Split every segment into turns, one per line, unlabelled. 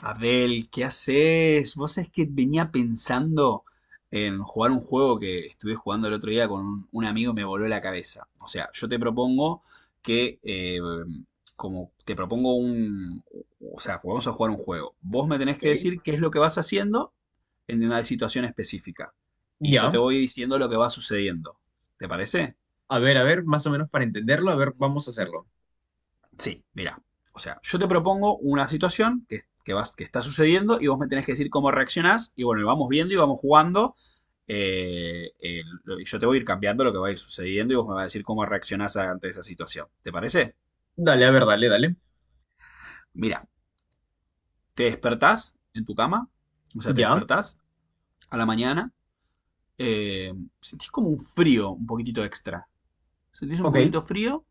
Abdel, ¿qué haces? Vos sabés que venía pensando en jugar un juego que estuve jugando el otro día con un amigo y me voló la cabeza. O sea, yo te propongo que, como te propongo un, o sea, vamos a jugar un juego. Vos me tenés que decir
Ok.
qué es lo que vas haciendo en una situación específica. Y yo
Ya,
te voy diciendo lo que va sucediendo. ¿Te parece?
a ver, más o menos para entenderlo, a ver, vamos a hacerlo.
Sí, mira. O sea, yo te propongo una situación que está sucediendo y vos me tenés que decir cómo reaccionás. Y bueno, vamos viendo y vamos jugando. Y yo te voy a ir cambiando lo que va a ir sucediendo y vos me vas a decir cómo reaccionás ante esa situación. ¿Te parece?
Dale, a ver, dale, dale.
Mira, te despertás en tu cama. O sea, te
Ya,
despertás a la mañana. eh, sentís como un frío, un poquitito extra. Sentís un
ok,
poquitito frío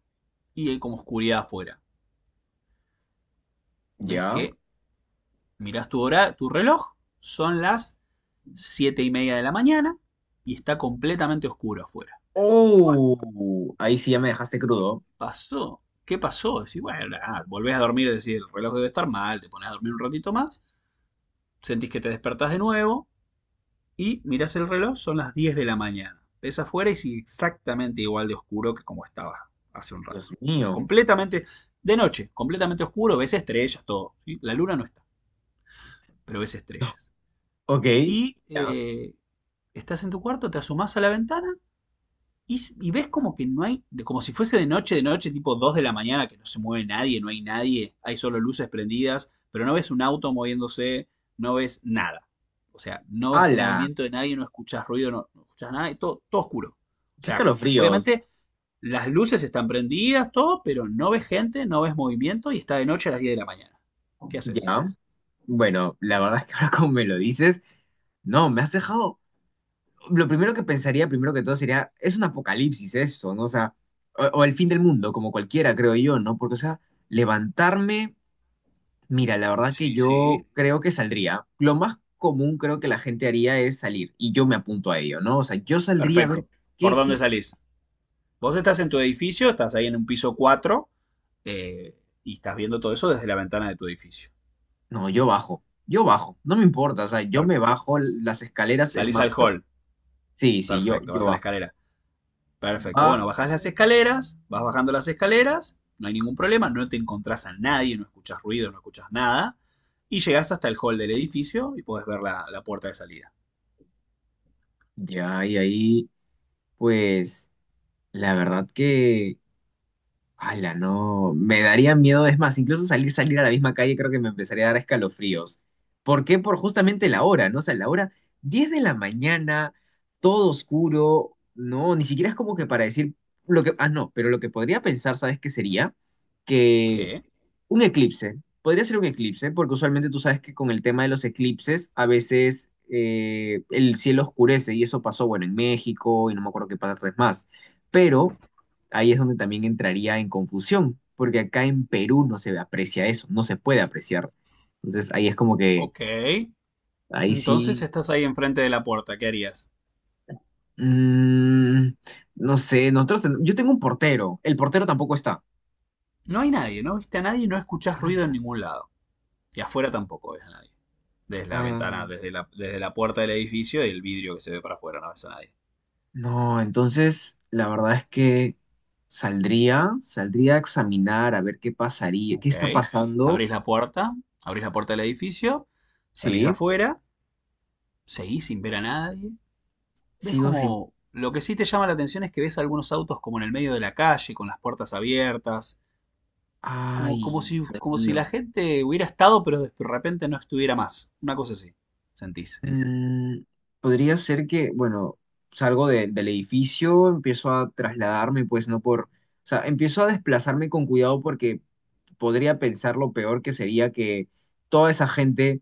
y hay como oscuridad afuera. Ves
ya.
que mirás tu hora, tu reloj. Son las 7:30 de la mañana y está completamente oscuro afuera. Bueno,
Oh, ahí sí ya me dejaste crudo.
pasó. ¿Qué pasó? Decís, bueno, nada, volvés a dormir, decís, el reloj debe estar mal, te pones a dormir un ratito más, sentís que te despertás de nuevo y mirás el reloj, son las 10 de la mañana. Ves afuera y sigue exactamente igual de oscuro que como estaba hace un
Dios
rato. O sea,
mío.
completamente de noche, completamente oscuro, ves estrellas, todo. ¿Sí? La luna no está, pero ves estrellas.
Ok,
Y
ya.
eh, estás en tu cuarto, te asomás a la ventana. Y ves como que no hay, de- como si fuese de noche, tipo 2 de la mañana, que no se mueve nadie, no hay nadie, hay solo luces prendidas, pero no ves un auto moviéndose, no ves nada. O sea, no ves
¡Hala!
movimiento de nadie, no escuchas ruido, no, no escuchas nada, y todo, todo oscuro. O
¡Qué
sea,
escalofríos!
obviamente las luces están prendidas, todo, pero no ves gente, no ves movimiento y está de noche a las 10 de la mañana. ¿Qué haces?
Ya. Bueno, la verdad es que ahora como me lo dices, no, me has dejado. Lo primero que pensaría, primero que todo, sería, es un apocalipsis esto, ¿no? O sea, o el fin del mundo, como cualquiera, creo yo, ¿no? Porque, o sea, levantarme. Mira, la verdad que sí,
Sí,
yo sí
sí.
creo que saldría. Lo más común creo que la gente haría es salir y yo me apunto a ello, ¿no? O sea, yo saldría a ver
Perfecto. ¿Por
qué,
dónde
qué, qué-
salís? Vos estás en tu edificio, estás ahí en un piso 4 eh, y estás viendo todo eso desde la ventana de tu edificio.
No, yo bajo, no me importa, o sea, yo
Per-
me bajo las escaleras, es
Salís
más...
al hall,
Sí, sí, yo,
perfecto,
yo
vas a la
bajo.
escalera, perfecto. Bueno,
Bajo,
bajás las escaleras, vas bajando las escaleras, no hay ningún problema, no te encontrás a nadie, no escuchas ruido, no escuchas nada, y llegás hasta el hall del edificio y podés ver la puerta de salida.
ya, y ahí, pues, la verdad que... Ala, no, me daría miedo, es más, incluso salir, salir a la misma calle creo que me empezaría a dar escalofríos. ¿Por qué? Por justamente la hora, ¿no? O sea, la hora 10 de la mañana, todo oscuro, no, ni siquiera es como que para decir lo que, ah, no, pero lo que podría pensar, ¿sabes qué sería? Que
¿Qué?
un eclipse. Podría ser un eclipse, porque usualmente tú sabes que con el tema de los eclipses, a veces el cielo oscurece, y eso pasó, bueno, en México, y no me acuerdo qué pasa más. Pero ahí es donde también entraría en confusión, porque acá en Perú no se aprecia eso, no se puede apreciar. Entonces ahí es como que,
Ok.
ahí
Entonces
sí,
estás ahí enfrente de la puerta, ¿qué harías?
mm, no sé, nosotros, yo tengo un portero, el portero tampoco está.
No hay nadie, no viste a nadie, no escuchás ruido en ningún lado. Y afuera tampoco ves a nadie. Desde la ventana,
¡Hala!
desde la puerta del edificio y el vidrio que se ve para afuera, no ves a nadie.
No, entonces la verdad es que saldría, saldría a examinar a ver qué pasaría, qué
Ok.
está pasando.
Abrís la puerta, abrís la puerta del edificio, salís
Sí,
afuera, seguís sin ver a nadie. Ves
sigo sin...
como... Lo que sí te llama la atención es que ves algunos autos como en el medio de la calle, con las puertas abiertas, como,
Ay, Dios
como si
mío.
la gente hubiera estado, pero de repente no estuviera más. Una cosa así, sentís.
Mm, podría ser que, bueno, salgo del edificio, empiezo a trasladarme, pues no por... O sea, empiezo a desplazarme con cuidado porque podría pensar lo peor que sería que toda esa gente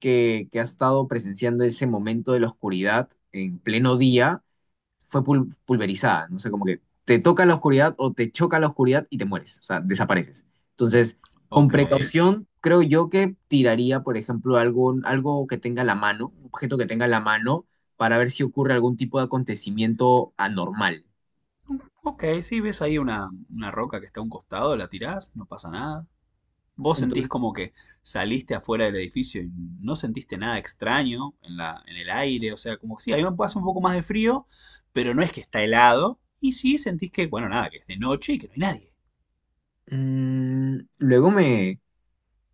que ha estado presenciando ese momento de la oscuridad en pleno día fue pulverizada, no sé, como que te toca la oscuridad o te choca la oscuridad y te mueres, o sea, desapareces. Entonces, con
Ok.
precaución, creo yo que tiraría, por ejemplo, algo que tenga la mano, un objeto que tenga la mano, para ver si ocurre algún tipo de acontecimiento anormal.
Ok, sí, ves ahí una roca que está a un costado, la tirás, no pasa nada. Vos sentís
Entonces,
como que saliste afuera del edificio y no sentiste nada extraño en el aire, o sea, como que sí, a mí me pasa un poco más de frío, pero no es que está helado, y sí sentís que, bueno, nada, que es de noche y que no hay nadie.
mm, luego me...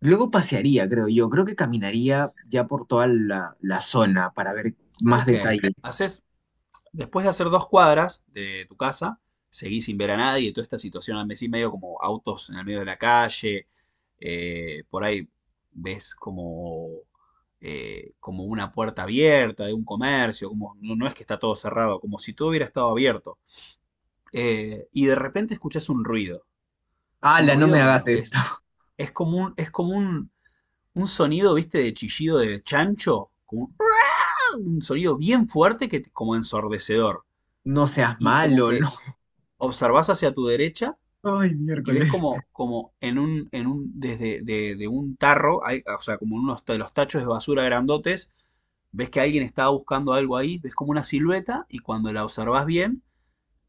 Luego pasearía, creo yo. Creo que caminaría ya por toda la zona para ver más
Ok,
detalle.
haces. Después de hacer 2 cuadras de tu casa, seguís sin ver a nadie, toda esta situación al mes y medio, como autos en el medio de la calle, por ahí ves como, como una puerta abierta de un comercio, como no, no es que está todo cerrado, como si todo hubiera estado abierto. Y de repente escuchás un
¡Hala, no me
ruido
hagas esto!
es como un sonido, viste, de chillido de chancho, como un sonido bien fuerte que como ensordecedor.
No seas
Y es como
malo,
que
no.
observás hacia tu derecha
Ay,
y ves
miércoles.
como, como en un, desde de un tarro, o sea, como en unos de los tachos de basura grandotes, ves que alguien estaba buscando algo ahí, ves como una silueta y cuando la observás bien,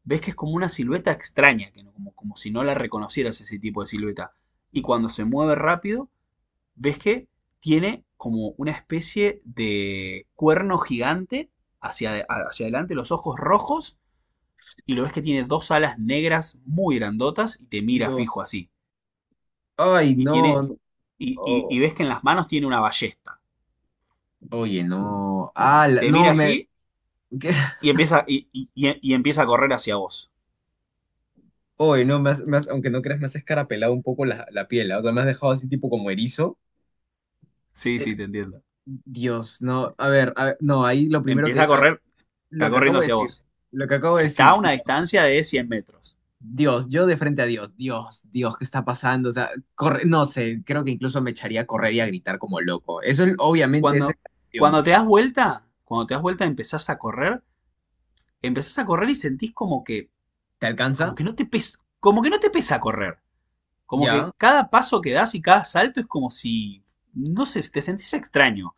ves que es como una silueta extraña, que no- como, como si no la reconocieras ese tipo de silueta. Y cuando se mueve rápido, ves que tiene como una especie de cuerno gigante hacia, hacia adelante, los ojos rojos y lo ves que tiene dos alas negras muy grandotas y te mira fijo
Dios.
así.
Ay,
Y tiene.
no.
Y
Oh,
ves que en las manos tiene una ballesta.
oye, no. Ah,
Te
no,
mira
me.
así
¿Qué?
y empieza a correr hacia vos.
Oye, no, aunque no creas, me has escarapelado un poco la, la piel. ¿Ah? O sea, me has dejado así tipo como erizo.
Sí,
Eh,
sí, te entiendo.
Dios, no. A ver, no, ahí lo primero
Empieza a
que.
correr, está
Lo que acabo
corriendo
de
hacia
decir.
vos.
Lo que acabo de
Está
decir,
a una
Dios.
distancia de 100 metros.
Dios, yo de frente a Dios. Dios, Dios, ¿qué está pasando? O sea, corre, no sé, creo que incluso me echaría a correr y a gritar como loco. Eso obviamente es
Cuando,
exageración.
cuando te das vuelta, cuando te das vuelta empezás a correr y sentís
¿Te
como
alcanza?
que no te pesa, como que no te pesa correr. Como
Ya.
que cada paso que das y cada salto es como si, no sé, te sentís extraño.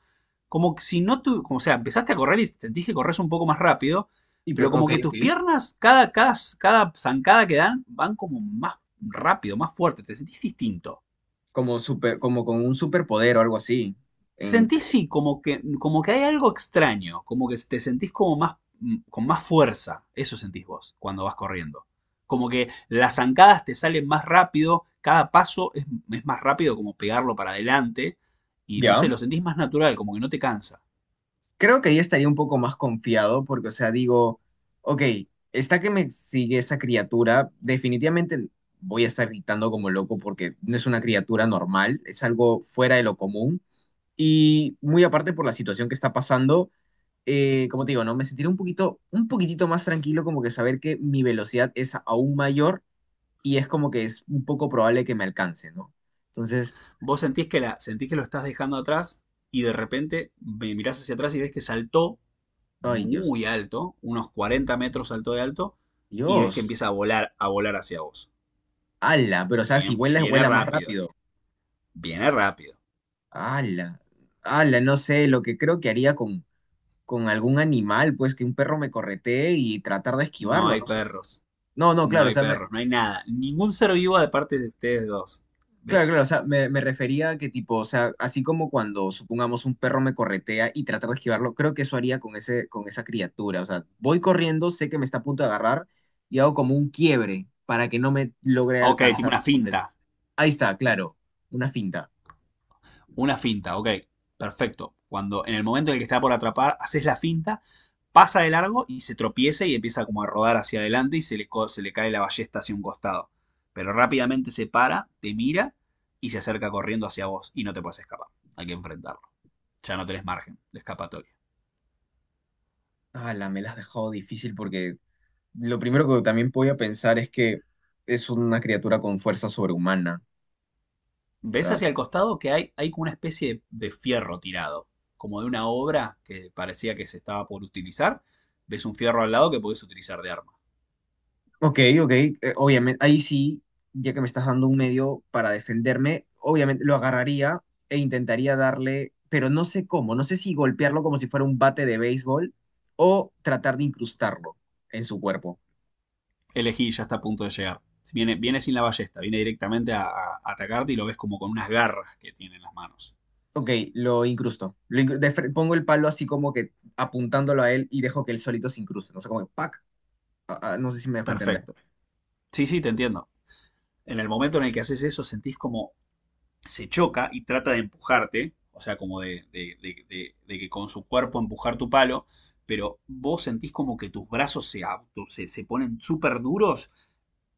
Como que si no tú, como o sea, empezaste a correr y sentís que corres un poco más rápido,
Y,
pero como
ok,
que tus
ok.
piernas, cada zancada que dan, van como más rápido, más fuerte, te sentís distinto.
Como super, como con un superpoder o algo así. En,
Sentís sí, como que hay algo extraño, como que te sentís como más, con más fuerza, eso sentís vos cuando vas corriendo. Como que las zancadas te salen más rápido, cada paso es más rápido como pegarlo para adelante y no sé,
ya.
lo sentís más natural, como que no te cansa.
Creo que ahí estaría un poco más confiado porque, o sea, digo, ok, está que me sigue esa criatura, definitivamente voy a estar gritando como loco porque no es una criatura normal, es algo fuera de lo común. Y muy aparte por la situación que está pasando, como te digo, ¿no? Me sentiré un poquito, un poquitito más tranquilo como que saber que mi velocidad es aún mayor y es como que es un poco probable que me alcance, ¿no? Entonces,
Vos sentís que, la, sentís que lo estás dejando atrás y de repente me mirás hacia atrás y ves que saltó
ay Dios,
muy alto, unos 40 metros saltó de alto y ves que
Dios,
empieza a volar hacia vos.
ala, pero o
Y
sea, si
bien,
vuelas,
viene
vuela más
rápido.
rápido.
Viene rápido.
Ala, ala, no sé, lo que creo que haría con algún animal, pues que un perro me corretee y tratar de
No
esquivarlo, ¿no?
hay
O sea,
perros.
no, no,
No
claro, o
hay
sea,
perros. No hay nada. Ningún ser vivo de parte de ustedes dos.
claro,
¿Ves?
claro, o sea, me refería a que tipo, o sea, así como cuando supongamos un perro me corretea y tratar de esquivarlo, creo que eso haría con ese, con esa criatura. O sea, voy corriendo, sé que me está a punto de agarrar y hago como un quiebre para que no me logre
Ok, tipo
alcanzar
una
por completo.
finta.
Ahí está, claro, una finta.
Una finta, ok. Perfecto. Cuando en el momento en el que está por atrapar, haces la finta, pasa de largo y se tropieza y empieza como a rodar hacia adelante y se le, se le cae la ballesta hacia un costado. Pero rápidamente se para, te mira y se acerca corriendo hacia vos y no te puedes escapar. Hay que enfrentarlo. Ya no tenés margen de escapatoria.
Ah, la me la has dejado difícil porque lo primero que también podía pensar es que es una criatura con fuerza sobrehumana. O
Ves
sea,
hacia el costado que hay como una especie de fierro tirado, como de una obra que parecía que se estaba por utilizar. Ves un fierro al lado que podés utilizar de arma.
ok, obviamente, ahí sí, ya que me estás dando un medio para defenderme, obviamente lo agarraría e intentaría darle, pero no sé cómo, no sé si golpearlo como si fuera un bate de béisbol o tratar de incrustarlo en su cuerpo.
Elegí, ya está a punto de llegar. Viene, viene sin la ballesta, viene directamente a atacarte y lo ves como con unas garras que tiene en las manos.
Ok, lo incrusto. Lo incru- de fre- Pongo el palo así como que apuntándolo a él y dejo que él solito se incruste. No sé cómo, ¡pac! No sé si me dejo entender.
Perfecto. Sí, sí, te entiendo. En el momento en el que haces eso, sentís como se choca y trata de empujarte, o sea, como de, de que con su cuerpo empujar tu palo, pero vos sentís como que tus brazos se ponen súper duros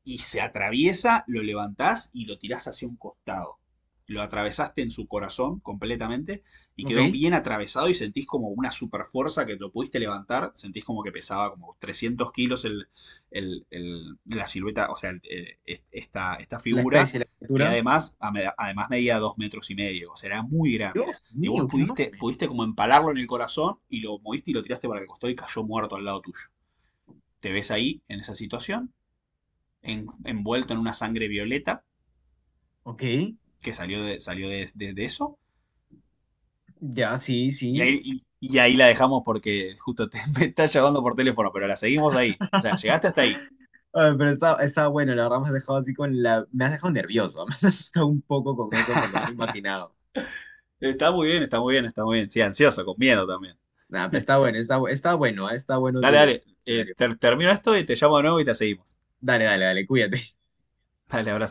y se atraviesa, lo levantás y lo tirás hacia un costado. Lo atravesaste en su corazón completamente y
Ok,
quedó bien atravesado y sentís como una super fuerza que lo pudiste levantar. Sentís como que pesaba como 300 kilos el, la silueta, o sea, esta
la
figura
especie, la
que
criatura.
además, además medía 2 metros y medio. O sea, era muy grande.
Dios
Y vos
mío, qué
pudiste,
enorme.
pudiste como empalarlo en el corazón y lo moviste y lo tiraste para el costado y cayó muerto al lado tuyo. Te ves ahí en esa situación envuelto en una sangre violeta
Ok,
que salió de eso.
ya, sí,
Y
sí.
ahí, y, y ahí la dejamos porque justo te, me está llamando por teléfono, pero la seguimos ahí. O sea, llegaste hasta ahí.
Ay, pero está, está bueno, la verdad me has dejado así con la... Me has dejado nervioso, me has asustado un poco con eso porque me lo he imaginado.
Está muy bien, está muy bien, está muy bien. Sí, ansioso, con miedo también.
Nah, pero está bueno, está, está bueno, está bueno
Dale,
tu
dale. Eh,
escenario.
ter, termino esto y te llamo de nuevo y la seguimos.
Dale, dale, dale, cuídate.
Dale, abrazo.